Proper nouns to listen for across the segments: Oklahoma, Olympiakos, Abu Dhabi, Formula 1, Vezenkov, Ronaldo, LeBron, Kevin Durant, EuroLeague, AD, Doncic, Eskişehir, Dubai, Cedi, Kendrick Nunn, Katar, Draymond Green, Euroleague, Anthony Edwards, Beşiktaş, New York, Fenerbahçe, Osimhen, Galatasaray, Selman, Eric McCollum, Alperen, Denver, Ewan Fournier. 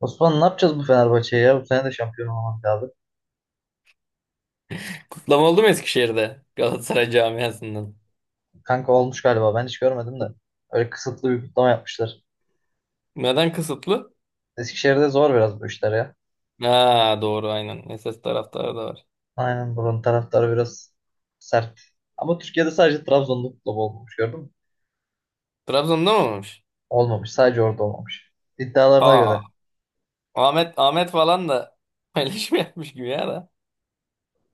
Osman, ne yapacağız bu Fenerbahçe'ye ya? Bu sene de şampiyon olmak lazım. Kutlama oldu mu Eskişehir'de Galatasaray camiasından? Kanka, olmuş galiba. Ben hiç görmedim de. Öyle kısıtlı bir kutlama yapmışlar. Neden kısıtlı? Eskişehir'de zor biraz bu işler ya. Ha doğru, aynen. SS taraftarı da var. Aynen, buranın taraftarı biraz sert. Ama Türkiye'de sadece Trabzon'da kutlama olmamış, gördün mü? Trabzon'da mı olmuş? Olmamış. Sadece orada olmamış. İddialarına Aa, göre. Ahmet Ahmet falan da paylaşım yapmış gibi ya da.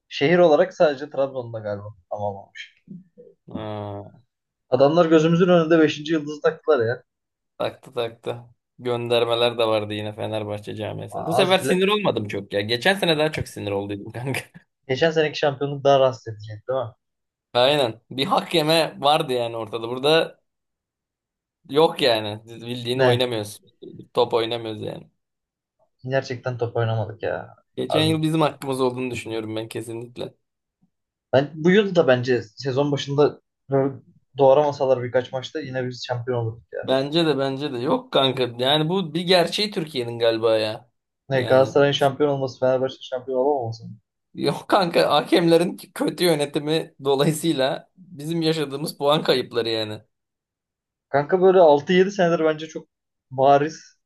Şehir olarak sadece Trabzon'da galiba kutlama olmamış. Ha, Adamlar gözümüzün önünde beşinci yıldızı taktılar ya. taktı taktı. Göndermeler de vardı yine Fenerbahçe camiasından. Bu Aa, az sefer bile. sinir olmadım çok ya. Geçen sene daha çok sinir olduydum, kanka. Geçen seneki şampiyonluk daha rahatsız edecek değil mi? Aynen. Bir hak yeme vardı yani ortada. Burada yok yani. Bildiğini Ne? oynamıyoruz. Top oynamıyoruz yani. Gerçekten top oynamadık ya. Geçen Abi yıl bizim hakkımız olduğunu düşünüyorum ben, kesinlikle. Ben bu yıl da bence sezon başında böyle doğramasalar birkaç maçta yine biz şampiyon olurduk ya. Bence de yok, kanka. Yani bu bir gerçeği Türkiye'nin galiba ya. Ne Yani Galatasaray'ın şampiyon olması, Fenerbahçe'nin şampiyon olamaması. yok kanka, hakemlerin kötü yönetimi dolayısıyla bizim yaşadığımız puan kayıpları yani. Kanka, böyle 6-7 senedir bence çok bariz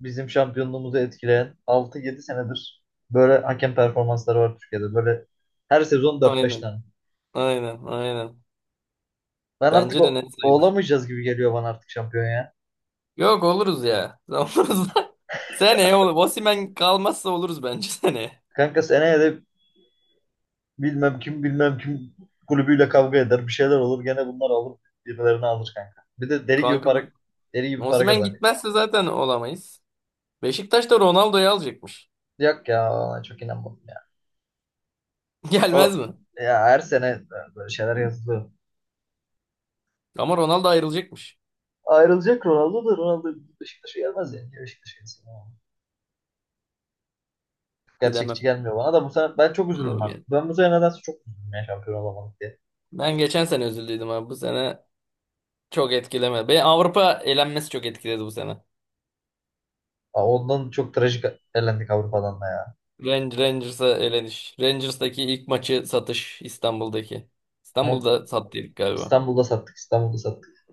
bizim şampiyonluğumuzu etkileyen 6-7 senedir böyle hakem performansları var Türkiye'de. Böyle her sezon dört beş Aynen. tane. Aynen. Aynen. Ben artık Bence de net sayılır. olamayacağız gibi geliyor bana artık şampiyon ya. Yok, oluruz ya. Oluruz da. Seneye olur. Osimhen kalmazsa oluruz bence seneye. Kanka, seneye de bilmem kim kulübüyle kavga eder. Bir şeyler olur. Gene bunlar alır. Birilerini alır kanka. Bir de deli gibi Kanka para bu deli gibi para Osimhen kazanıyor. gitmezse zaten olamayız. Beşiktaş da Ronaldo'yu alacakmış. Yok ya, ona çok inanmadım ya. Gelmez O mi? ya, her sene böyle şeyler yazılıyor. Ama Ronaldo ayrılacakmış. Ayrılacak Ronaldo Beşiktaş'a gelmez yani. Niye Beşiktaş'a gelsin ya? Gerçekçi Bilemem. gelmiyor bana da. Bu sene ben çok Bana üzüldüm da ha. gelmez. Ben bu sene nedense çok üzüldüm ya, şampiyon olamadık diye. Ben geçen sene üzüldüydüm abi. Bu sene çok etkilemedi. Beni Avrupa elenmesi çok etkiledi bu sene. Aa, ondan çok trajik elendik Avrupa'dan da ya. Rangers'a eleniş. Rangers'taki ilk maçı satış İstanbul'daki. Ama İstanbul'da sattıydık galiba. İstanbul'da sattık, İstanbul'da sattık.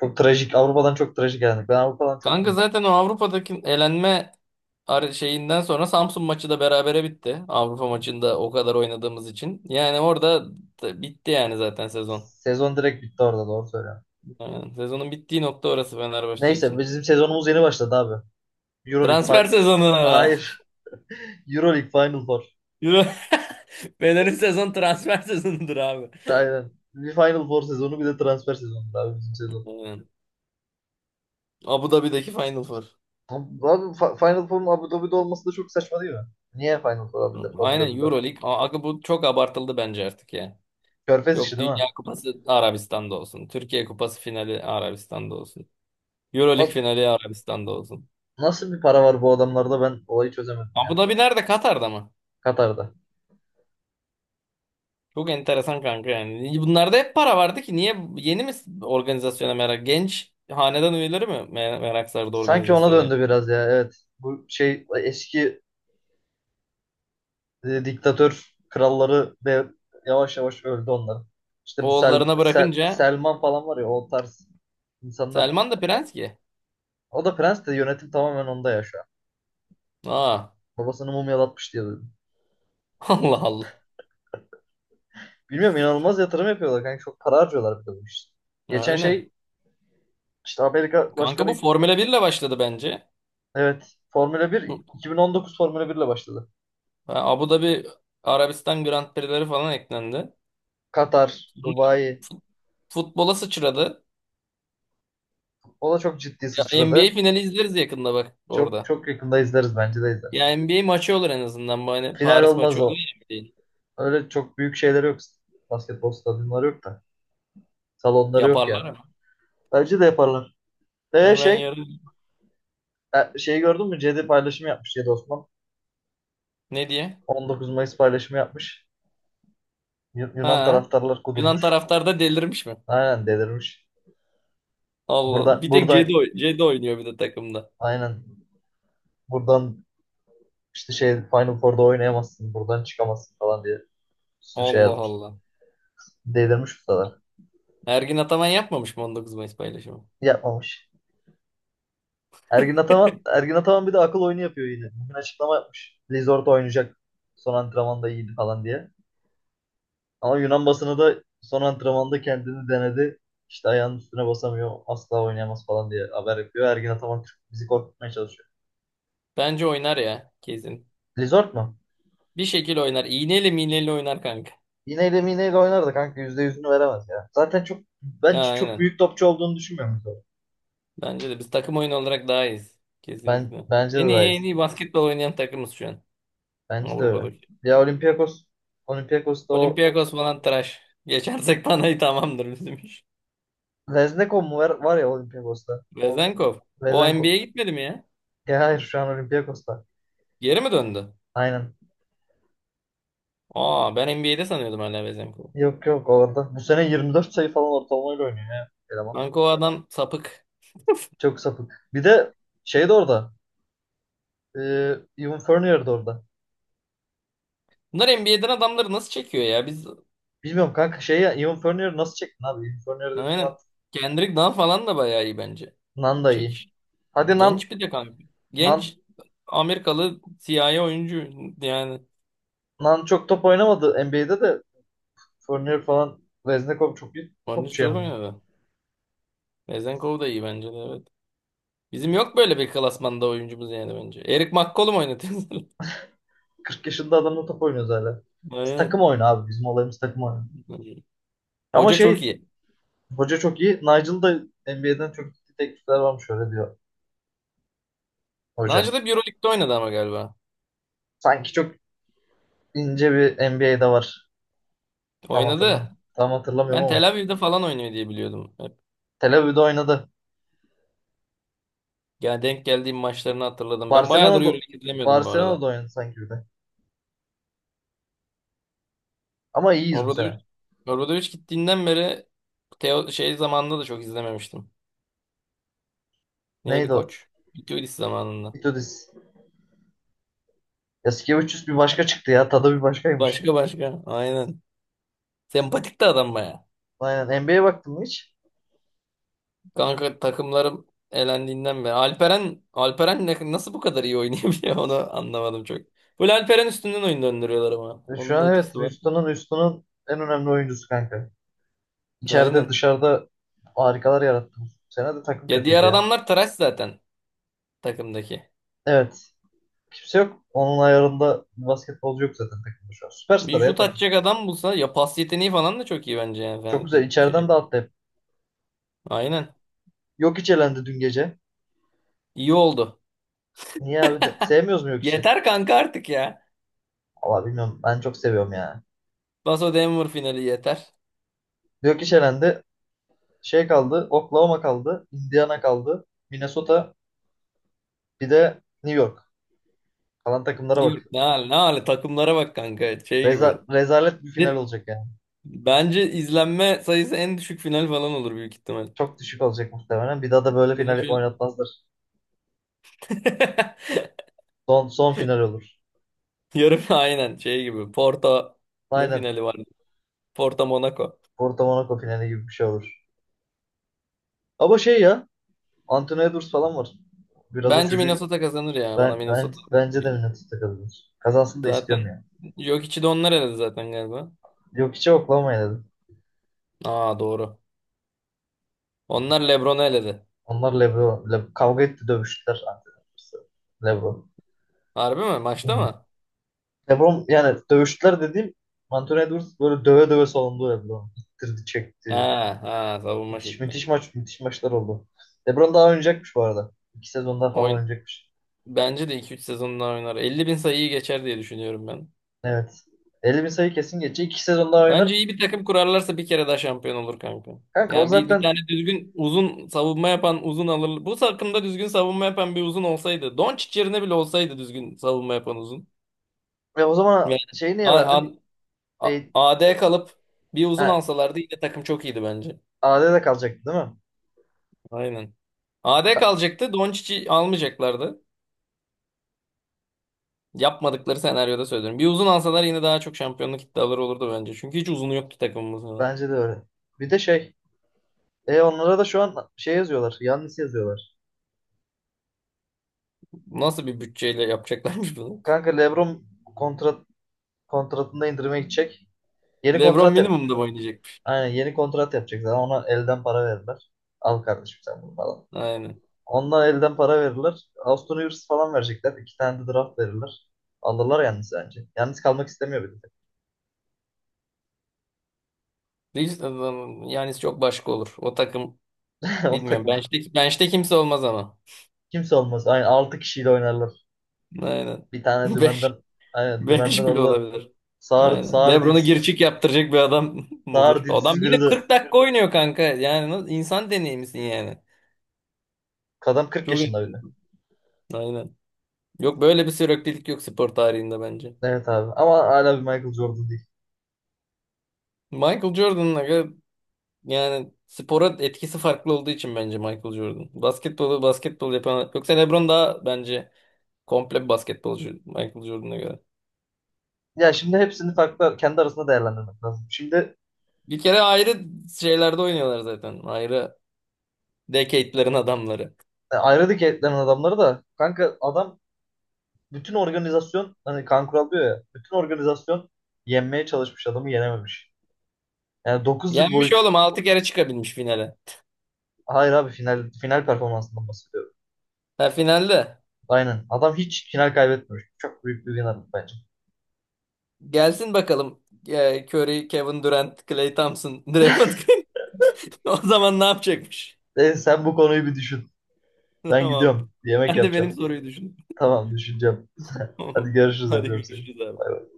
Çok trajik, Avrupa'dan çok trajik elendik. Ben Avrupa'dan çok Kanka zaten o Avrupa'daki elenme şeyinden sonra Samsun maçı da berabere bitti. Avrupa maçında o kadar oynadığımız için. Yani orada da bitti yani zaten sezon. Sezon direkt bitti orada, doğru söylüyorum. Yani sezonun bittiği nokta orası Fenerbahçe Neyse, için. bizim sezonumuz yeni başladı abi. Euroleague Transfer fi- sezonu. Hayır. Euroleague Final Four. Euro- Fener'in sezon transfer sezonudur abi. Aynen. Bir Final Four sezonu, bir de transfer sezonu abi bizim sezon. Aynen. Abu Dhabi'deki Final Four. Abi, Final Four'un Abu Dhabi'de olması da çok saçma değil mi? Niye Final Four Abu Aynen Dhabi'de? EuroLeague. Aga bu çok abartıldı bence artık ya. Körfez işi Yok, değil mi? Dünya Kupası Arabistan'da olsun. Türkiye Kupası finali Arabistan'da olsun. EuroLeague Nasıl, finali Arabistan'da olsun. nasıl bir para var bu adamlarda, ben olayı çözemedim Abu ya. Dhabi nerede? Katar'da mı? Katar'da. Çok enteresan kanka yani. Bunlarda hep para vardı ki niye yeni mi organizasyona merak? Genç hanedan üyeleri mi merak sardı Sanki ona organizasyona? döndü biraz ya, evet. Bu şey, eski diktatör kralları de yavaş yavaş öldü onların. İşte bu Sel Oğullarına Sel- bırakınca Selman falan var ya, o tarz insanlar. Selman da prens ki. O da prens, de yönetim tamamen onda ya şu an. Aa, Babasını mumyalatmış diye duydum. Allah Allah. Bilmiyorum, inanılmaz yatırım yapıyorlar kanka. Çok para harcıyorlar bir de bu işte. Geçen Aynen. şey, işte Amerika Kanka bu Başkanı, Formula 1 ile başladı bence. evet, Formula 1. Bu 2019 Formula 1 ile başladı. ha, Abu Dhabi Arabistan Grand Prix'leri falan eklendi. Katar, Fut- Dubai, Futbola sıçradı. o da çok ciddi Ya NBA sıçradı. finali izleriz yakında bak Çok orada. çok yakında izleriz, bence de izleriz. Ya NBA maçı olur en azından. Bu hani Final Paris olmaz maçı olur o. ya değil. Öyle çok büyük şeyleri yok. Basketbol stadyumları yok da. Salonları yok Yaparlar yani. ama. Bence de yaparlar. Ve Hemen şey, yarın şeyi gördün mü? Cedi paylaşımı yapmış, Cedi Osman. ne diye? 19 Mayıs paylaşımı yapmış. Yunan Ha. taraftarlar Yunan kudurmuş. taraftar da delirmiş mi? Aynen, delirmiş. Allah. Buradan, Bir tek buradan Cedi, Cedi oynuyor bir de takımda. aynen. Buradan işte şey, Final Four'da oynayamazsın. Buradan çıkamazsın falan diye bir sürü şey Allah yazmış. Allah. Delirmiş ustalar. Ergin Ataman yapmamış mı 19 Mayıs paylaşımı? Yapmamış. Ergin Ataman bir de akıl oyunu yapıyor yine. Bugün açıklama yapmış. Lizort oynayacak. Son antrenmanda iyiydi falan diye. Ama Yunan basını da, son antrenmanda kendini denedi, İşte ayağının üstüne basamıyor, asla oynayamaz falan diye haber yapıyor. Ergin Ataman Türk, bizi korkutmaya çalışıyor. Bence oynar ya kesin. Lizort mu? Bir şekil oynar. İğneyle miğneyle oynar, kanka. İğneyle miğneyle oynardı kanka. Yüzde yüzünü veremez ya. Zaten çok, ben Ha, çok aynen. büyük topçu olduğunu düşünmüyorum Lizort. Bence de biz takım oyunu olarak daha iyiyiz. Kesinlikle. Bence de En iyi dahil. en iyi basketbol oynayan takımız şu an. Bence de öyle. Avrupa'daki. Ya Olympiakos'ta o Olympiakos falan tıraş. Geçersek Panayı tamamdır bizim iş. Lezneko mu var, var ya Olympiakos'ta. O Vezenkov. O NBA'ye Lezenko. gitmedi mi ya? Ya hayır, şu an Olympiakos'ta. Geri mi döndü? Aynen. Aa, ben NBA'de sanıyordum hala Vezenkov'u. Yok yok, orada. Bu sene 24 sayı falan ortalamayla oynuyor ya. Eleman. Kanka o adam sapık. Çok sapık. Bir de şey de orada. E, Ewan Fournier de orada. Bunlar NBA'den adamları nasıl çekiyor ya? Biz Bilmiyorum kanka, şey ya, Ewan Fournier nasıl çektin abi? Ewan Fournier dediğin aynen. adam, Kendrick Nunn falan da bayağı iyi bence. Nan da iyi. Çekiş. Hadi Genç bir de kanka. Nan, Genç Amerikalı siyahi oyuncu yani. Nan çok top oynamadı NBA'de de. Fournier falan, Veznikov çok iyi Onun için topçu çok yani. oynadı. Vezenkov da iyi bence de evet. Bizim yok böyle bir klasmanda oyuncumuz yani bence. Eric McCollum oynatıyorsun. 40 yaşında adamla top oynuyoruz hala. Biz takım Aynen. oyunu abi. Bizim olayımız takım oyunu. Ama Hoca çok şey, iyi. hoca çok iyi. Nigel da NBA'den çok iyi teklifler varmış öyle diyor Naci hoca. de Euroleague'de oynadı ama galiba. Sanki çok ince bir NBA'de var. Tam Oynadı. Hatırlamıyorum Ben ama Tel Aviv'de falan oynuyor diye biliyordum hep. Tel Aviv'de oynadı. Yani denk geldiğim maçlarını hatırladım. Ben bayağıdır Barcelona'da Euroleague izlemiyordum bu Barcelona'da arada. oynadı sanki bir de. Ama iyiyiz bu Obradoviç, sene. Obradoviç gittiğinden beri Teo, şey zamanında da çok izlememiştim. Neydi Neydi o? koç? Vitolis zamanında. Itudis. Yasikevicius bir başka çıktı ya. Tadı bir başkaymış. Başka başka. Aynen. Sempatik de adam bayağı. Aynen. NBA'ye baktın mı hiç? Kanka takımlarım elendiğinden beri. Alperen nasıl bu kadar iyi oynayabiliyor onu anlamadım çok. Full Alperen üstünden oyun döndürüyorlar ama. Şu Onun da an evet. etkisi var. Houston'ın en önemli oyuncusu kanka. İçeride, Aynen. dışarıda harikalar yarattı. Bu sene de takım Ya diğer kötüydü ya. adamlar trash zaten takımdaki. Evet. Kimse yok. Onun ayarında basketbolcu yok zaten takımda şu an. Bir Süperstar ya şut takım. atacak adam bulsa ya, pas yeteneği falan da çok iyi bence yani. Çok Falan güzel. bir İçeriden şey. dağıttı hep. Aynen. Yok, hiç elendi dün gece. İyi oldu. Niye abi? De, sevmiyoruz mu yok içi? Yeter kanka artık ya. Valla bilmiyorum. Ben çok seviyorum ya. Paso Denver finali yeter. Yok iş, elendi. Şey kaldı. Oklahoma kaldı. Indiana kaldı. Minnesota. Bir de New York. Kalan takımlara New York bak. ne hal ne hali takımlara bak kanka şey gibi. Rezalet bir Ya, final olacak yani. bence izlenme sayısı en düşük final falan olur büyük ihtimal. Çok düşük olacak muhtemelen. Bir daha da böyle Yani final şu oynatmazlar. Son final olur. yarım aynen şey gibi. Porto ne Aynen. finali vardı? Porto Monaco. Porto Monaco finali gibi bir şey olur. Ama şey ya, Anthony Edwards falan var. Biraz o Bence çocuğu Minnesota kazanır ya. Bana Minnesota bence de geliyor. Minnesota kazanır. Kazansın da istiyorum Zaten yani. yok içi de onlar eledi zaten galiba. Yok hiç, Oklahoma'ya dedim. Aa doğru. Onlar LeBron'u eledi. Onlar LeBron. Kavga etti, dövüştüler. Anthony Edwards'la LeBron. Harbi mi? Maçta mı? LeBron, yani dövüştüler dediğim, Anthony Edwards böyle döve döve salındı LeBron. İttirdi, Ha çekti. ha, savunma Müthiş, şekli. müthiş maç, müthiş maçlar oldu. LeBron daha oynayacakmış bu arada. 2 sezon daha falan Oyun oynayacakmış. bence de iki üç sezon daha oynar. 50.000 sayıyı geçer diye düşünüyorum ben. Evet. 50 bin sayı kesin geçecek. 2 sezon daha Bence oynar. iyi bir takım kurarlarsa bir kere daha şampiyon olur kanka. Kanka o Yani bir zaten, tane düzgün uzun savunma yapan uzun alır. Bu takımda düzgün savunma yapan bir uzun olsaydı. Doncic yerine bile olsaydı düzgün savunma yapan uzun. ya o zaman Yani şeyi niye A- A- verdin? E, AD kalıp bir uzun ha, alsalardı yine takım çok iyiydi bence. AD'de kalacaktı değil mi? Aynen. A D Ka- kalacaktı. Doncic'i almayacaklardı. Yapmadıkları senaryoda söylüyorum. Bir uzun alsalar yine daha çok şampiyonluk iddiaları olurdu bence. Çünkü hiç uzunu yoktu takımımızda. Bence de öyle. Bir de şey, onlara da şu an şey yazıyorlar. Yannis yazıyorlar. Nasıl bir bütçeyle yapacaklarmış bunu? Kanka, LeBron kontrat kontratında indirime gidecek. Yeni LeBron kontrat minimumda mı oynayacak? Aynen, yeni kontrat yapacaklar. Ona elden para verirler. Al kardeşim sen bunu falan. Aynen. Ondan elden para verirler. Austin Rivers falan verecekler. İki tane de draft verirler. Alırlar yalnız bence. Yalnız kalmak istemiyor bir de. Reels yani çok başka olur. O takım O bilmiyorum. takım. Bench'te kimse olmaz ama. Kimse olmaz. Aynen, 6 kişiyle oynarlar. Aynen. Bir tane Beş, dümenden beş bile orada, olabilir. sağır, Aynen. sağır, LeBron'u gir dils, çık yaptıracak bir adam mı sağır olur. dilsiz Adam yine biri de. 40 dakika oynuyor kanka. Yani nasıl- insan deneyimisin yani. Adam 40 Çok. Yaşında bir de. Aynen. Yok böyle bir süreklilik yok spor tarihinde bence. Evet abi. Ama hala bir Michael Jordan değil. Michael Jordan'la yani spora etkisi farklı olduğu için bence Michael Jordan. Basketbolu basketbol yapan yoksa LeBron daha bence komple bir basketbolcu Michael Jordan'a göre. Ya şimdi, hepsini farklı kendi arasında değerlendirmek lazım. Şimdi Bir kere ayrı şeylerde oynuyorlar zaten. Ayrı decade'lerin adamları. Ayrı etlerin adamları da kanka, adam, bütün organizasyon, hani kan kural diyor ya, bütün organizasyon yenmeye çalışmış, adamı yenememiş. Yani 9 yıl Yenmiş boyu, oğlum 6 kere çıkabilmiş finale. hayır abi, final performansından bahsediyorum. Ha finalde. Aynen. Adam hiç final kaybetmemiş. Çok büyük bir winner bence. Gelsin bakalım e, Curry, Kevin Durant, Klay Thompson, Draymond Green. O zaman ne yapacakmış? Sen bu konuyu bir düşün. Ben Tamam. gidiyorum, bir yemek Sen de benim yapacağım. soruyu düşün. Tamam, düşüneceğim. Hadi görüşürüz. Hadi Öpüyorum seni. görüşürüz Bay abi. bay.